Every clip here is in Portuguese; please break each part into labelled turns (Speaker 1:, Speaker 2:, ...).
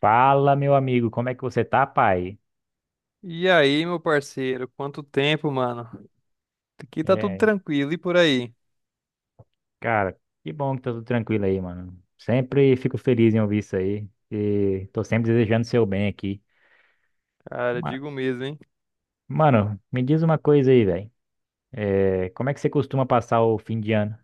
Speaker 1: Fala, meu amigo, como é que você tá, pai?
Speaker 2: E aí, meu parceiro, quanto tempo, mano? Aqui tá tudo
Speaker 1: É,
Speaker 2: tranquilo e por aí?
Speaker 1: cara, que bom que tá tudo tranquilo aí, mano. Sempre fico feliz em ouvir isso aí e tô sempre desejando seu bem aqui.
Speaker 2: Cara,
Speaker 1: Ma-
Speaker 2: digo mesmo, hein?
Speaker 1: Mano, me diz uma coisa aí, velho. É, como é que você costuma passar o fim de ano?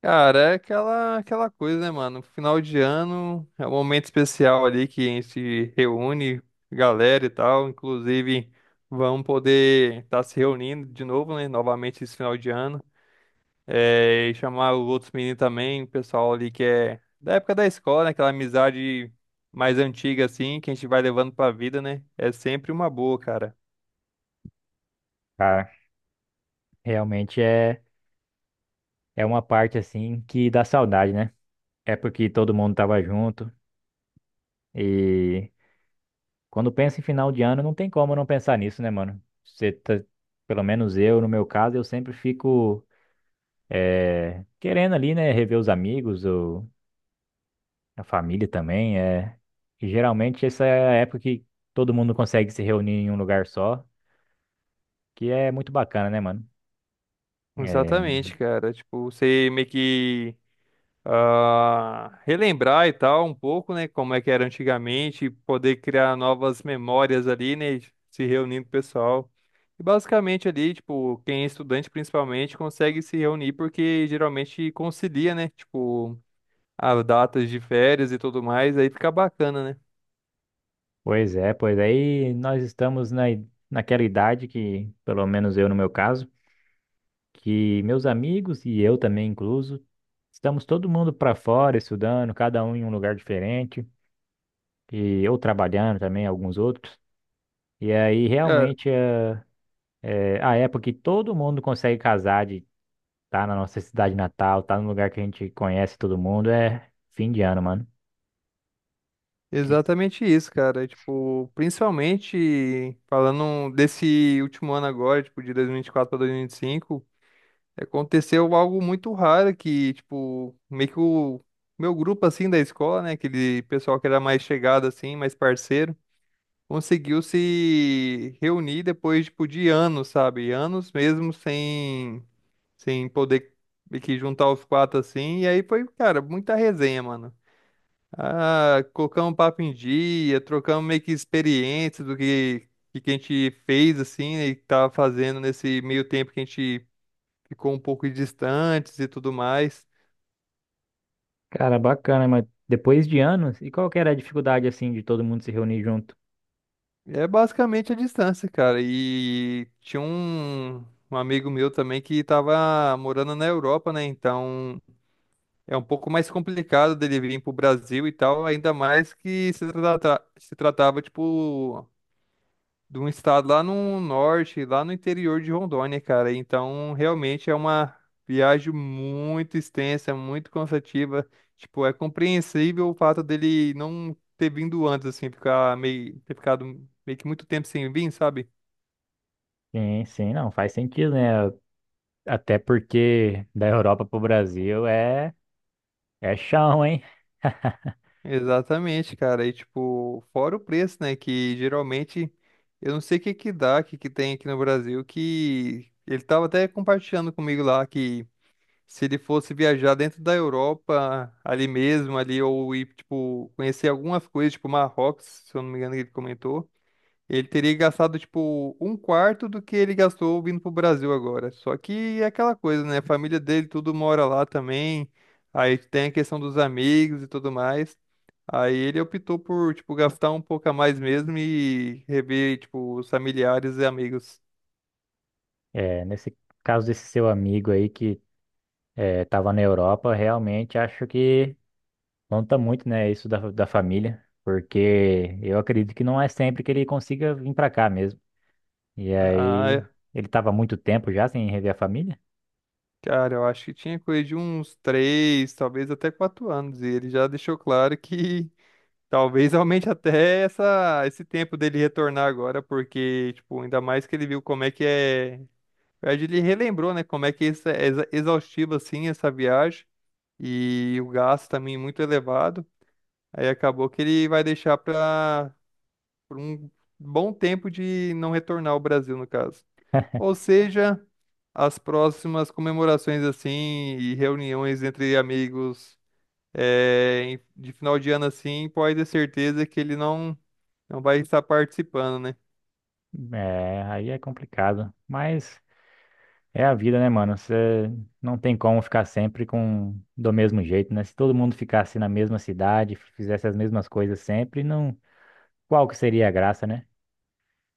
Speaker 2: Cara, é aquela coisa, né, mano? Final de ano é um momento especial ali que a gente se reúne, galera e tal. Inclusive, vamos poder estar se reunindo de novo, né? Novamente esse final de ano. É, e chamar os outros meninos também, o pessoal ali que é da época da escola, né? Aquela amizade mais antiga, assim, que a gente vai levando pra vida, né? É sempre uma boa, cara.
Speaker 1: Cara, realmente é, uma parte assim que dá saudade, né? É porque todo mundo tava junto e quando pensa em final de ano não tem como não pensar nisso, né, mano? Você tá, pelo menos eu, no meu caso, eu sempre fico. É, querendo ali, né, rever os amigos, ou a família também, é. E geralmente essa é a época que todo mundo consegue se reunir em um lugar só, que é muito bacana, né, mano? É,
Speaker 2: Exatamente, cara. Tipo, você meio que relembrar e tal um pouco, né? Como é que era antigamente, poder criar novas memórias ali, né? Se reunindo com o pessoal. E basicamente ali, tipo, quem é estudante principalmente consegue se reunir porque geralmente concilia, né? Tipo, as datas de férias e tudo mais, aí fica bacana, né?
Speaker 1: é, pois aí nós estamos naquela idade que, pelo menos eu no meu caso, que meus amigos e eu também incluso, estamos todo mundo para fora estudando, cada um em um lugar diferente, e eu trabalhando também, alguns outros. E aí
Speaker 2: Cara,
Speaker 1: realmente é a época que todo mundo consegue casar, de tá na nossa cidade natal, tá no lugar que a gente conhece todo mundo, é fim de ano, mano. Que-
Speaker 2: exatamente isso, cara. Tipo, principalmente falando desse último ano agora, tipo, de 2024 para 2025. Aconteceu algo muito raro que, tipo, meio que o meu grupo, assim, da escola, né? Aquele pessoal que era mais chegado, assim, mais parceiro, conseguiu se reunir depois, tipo, de anos, sabe? Anos mesmo sem poder meio que juntar os quatro, assim. E aí foi, cara, muita resenha, mano. Ah, colocamos papo em dia, trocamos meio que experiências do que a gente fez, assim, né, e que tava fazendo nesse meio tempo que a gente ficou um pouco distantes e tudo mais.
Speaker 1: Cara, bacana, mas depois de anos, e qual que era a dificuldade, assim, de todo mundo se reunir junto?
Speaker 2: É basicamente a distância, cara. Um amigo meu também que estava morando na Europa, né? Então é um pouco mais complicado dele vir pro Brasil e tal, ainda mais que se tratava, tipo, de um estado lá no norte, lá no interior de Rondônia, cara. Então, realmente é uma viagem muito extensa, muito cansativa. Tipo, é compreensível o fato dele não ter vindo antes, assim, ter ficado meio que muito tempo sem vir, sabe?
Speaker 1: Sim, sim, não, faz sentido, né? Até porque da Europa pro Brasil é, é chão, hein?
Speaker 2: Exatamente, cara. E, tipo, fora o preço, né? Que geralmente eu não sei o que dá, o que tem aqui no Brasil, que ele tava até compartilhando comigo lá que se ele fosse viajar dentro da Europa, ali mesmo, ali, ou ir, tipo, conhecer algumas coisas, tipo Marrocos, se eu não me engano, que ele comentou, ele teria gastado, tipo, um quarto do que ele gastou vindo pro Brasil agora. Só que é aquela coisa, né? A família dele tudo mora lá também, aí tem a questão dos amigos e tudo mais. Aí ele optou por, tipo, gastar um pouco a mais mesmo e rever, tipo, os familiares e amigos.
Speaker 1: É, nesse caso desse seu amigo aí que é, tava na Europa, realmente acho que conta muito, né, isso da família, porque eu acredito que não é sempre que ele consiga vir pra cá mesmo. E aí,
Speaker 2: Ah,
Speaker 1: ele tava há muito tempo já sem rever a família?
Speaker 2: cara, eu acho que tinha coisa de uns três, talvez até quatro anos. E ele já deixou claro que talvez aumente até esse tempo dele retornar agora, porque, tipo, ainda mais que ele viu como é que é. Na verdade, ele relembrou, né? Como é que isso é exaustivo, assim, essa viagem. E o gasto também é muito elevado. Aí acabou que ele vai deixar para um bom tempo de não retornar ao Brasil, no caso. Ou seja, as próximas comemorações assim e reuniões entre amigos de final de ano assim, pode ter certeza que ele não vai estar participando, né?
Speaker 1: É, aí é complicado. Mas é a vida, né, mano? Você não tem como ficar sempre com do mesmo jeito, né? Se todo mundo ficasse na mesma cidade, fizesse as mesmas coisas sempre, não, qual que seria a graça, né?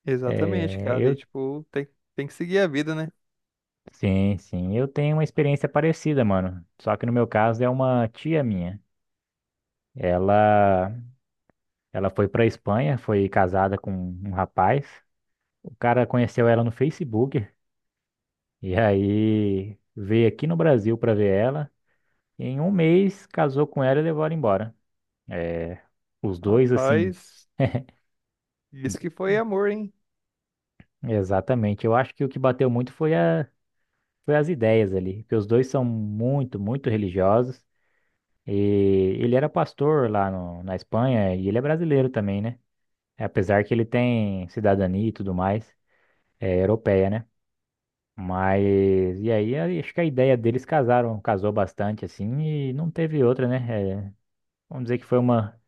Speaker 2: Exatamente,
Speaker 1: É,
Speaker 2: cara. E
Speaker 1: eu
Speaker 2: tipo, tem que seguir a vida, né?
Speaker 1: sim, sim, eu tenho uma experiência parecida, mano. Só que no meu caso é uma tia minha. Ela Ela foi para Espanha, foi casada com um rapaz. O cara conheceu ela no Facebook e aí veio aqui no Brasil para ver ela. E em um mês casou com ela e levou ela embora. É, os dois assim,
Speaker 2: Rapaz, isso que foi amor, hein?
Speaker 1: exatamente. Eu acho que o que bateu muito foi as ideias ali, porque os dois são muito, muito religiosos. E ele era pastor lá no- na Espanha e ele é brasileiro também, né? Apesar que ele tem cidadania e tudo mais, é europeia, né? Mas, e aí, acho que a ideia deles casaram, casou bastante, assim, e não teve outra, né? É, vamos dizer que foi uma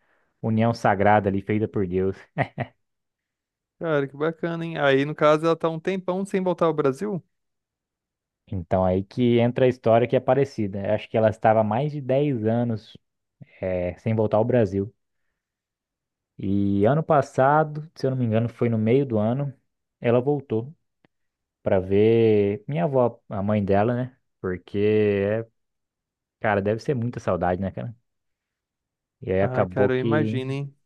Speaker 1: união sagrada ali, feita por Deus.
Speaker 2: Cara, que bacana, hein? Aí, no caso, ela tá um tempão sem voltar ao Brasil?
Speaker 1: Então, aí que entra a história que é parecida. Eu Acho que ela estava há mais de 10 anos, é, sem voltar ao Brasil. E ano passado, se eu não me engano, foi no meio do ano, ela voltou para ver minha avó, a mãe dela, né? Porque, é, cara, deve ser muita saudade, né, cara? E aí
Speaker 2: Ah, cara, eu imagino, hein?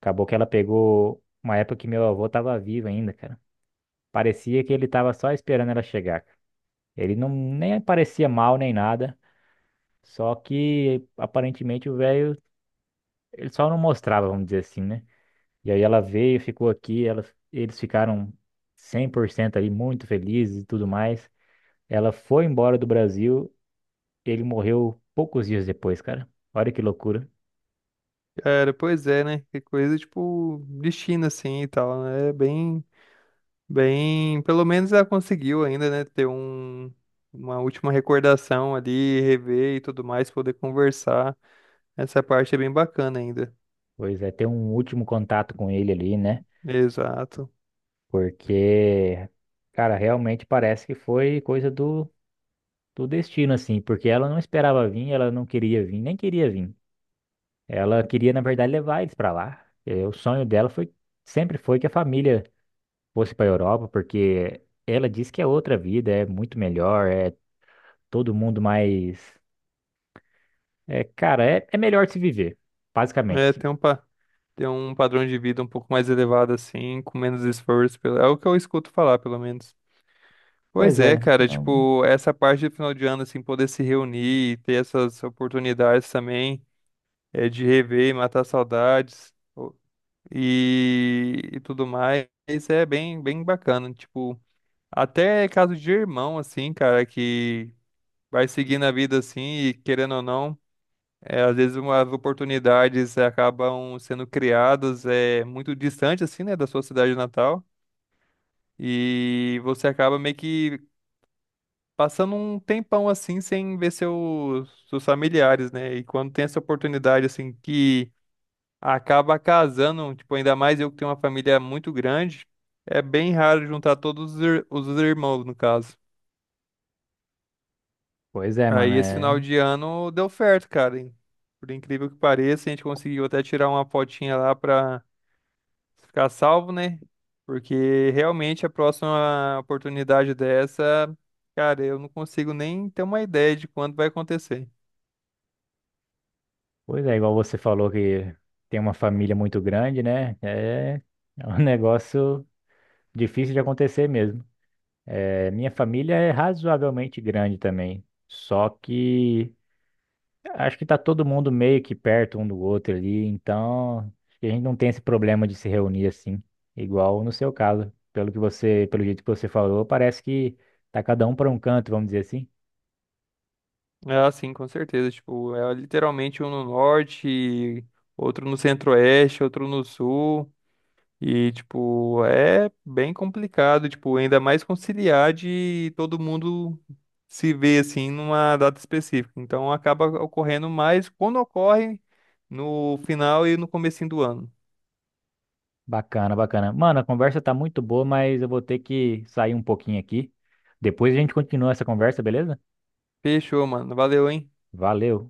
Speaker 1: acabou que ela pegou uma época que meu avô tava vivo ainda, cara. Parecia que ele tava só esperando ela chegar, cara. Ele não nem parecia mal nem nada, só que aparentemente o velho, ele só não mostrava, vamos dizer assim, né? E aí ela veio, ficou aqui, ela, eles ficaram 100% ali muito felizes e tudo mais. Ela foi embora do Brasil, ele morreu poucos dias depois, cara. Olha que loucura.
Speaker 2: Cara, pois é, né? Que coisa, tipo, de China assim, e tal, né? Bem, pelo menos ela conseguiu ainda, né, ter uma última recordação ali, rever e tudo mais, poder conversar. Essa parte é bem bacana ainda.
Speaker 1: Pois é, ter um último contato com ele ali, né?
Speaker 2: Exato.
Speaker 1: Porque, cara, realmente parece que foi coisa do destino, assim, porque ela não esperava vir, ela não queria vir, nem queria vir. Ela queria, na verdade, levar eles pra lá. Eh, o sonho sempre foi que a família fosse pra Europa, porque ela diz que é outra vida, é muito melhor, é todo mundo mais. É, cara, é, é melhor de se viver, basicamente,
Speaker 2: É,
Speaker 1: assim.
Speaker 2: ter um padrão de vida um pouco mais elevado assim, com menos esforço, é o que eu escuto falar, pelo menos. Pois
Speaker 1: Pois
Speaker 2: é,
Speaker 1: é,
Speaker 2: cara,
Speaker 1: não-
Speaker 2: tipo, essa parte do final de ano, assim, poder se reunir e ter essas oportunidades também, é, de rever e matar saudades, e tudo mais. Isso é bem bacana. Tipo, até é caso de irmão, assim, cara, que vai seguindo a vida assim e querendo ou não, é, às vezes umas oportunidades acabam sendo criadas é, muito distante, assim, né, da sua cidade natal. E você acaba meio que passando um tempão assim sem ver seus familiares, né? E quando tem essa oportunidade assim que acaba casando, tipo, ainda mais eu que tenho uma família muito grande, é bem raro juntar todos os irmãos, no caso.
Speaker 1: pois é, mano,
Speaker 2: Aí esse final
Speaker 1: é
Speaker 2: de ano deu certo, cara, hein? Por incrível que pareça, a gente conseguiu até tirar uma fotinha lá pra ficar salvo, né? Porque realmente a próxima oportunidade dessa, cara, eu não consigo nem ter uma ideia de quando vai acontecer.
Speaker 1: pois é, igual você falou que tem uma família muito grande, né? É, é um negócio difícil de acontecer mesmo. É, minha família é razoavelmente grande também, só que acho que tá todo mundo meio que perto um do outro ali, então acho que a gente não tem esse problema de se reunir assim, igual no seu caso. Pelo que você, pelo jeito que você falou, parece que tá cada um para um canto, vamos dizer assim.
Speaker 2: Ah, sim, com certeza. Tipo, é literalmente um no norte, outro no centro-oeste, outro no sul. E, tipo, é bem complicado, tipo, ainda mais conciliar de todo mundo se ver, assim, numa data específica. Então, acaba ocorrendo mais quando ocorre no final e no comecinho do ano.
Speaker 1: Bacana, bacana. Mano, a conversa tá muito boa, mas eu vou ter que sair um pouquinho aqui. Depois a gente continua essa conversa, beleza?
Speaker 2: Fechou, mano. Valeu, hein?
Speaker 1: Valeu.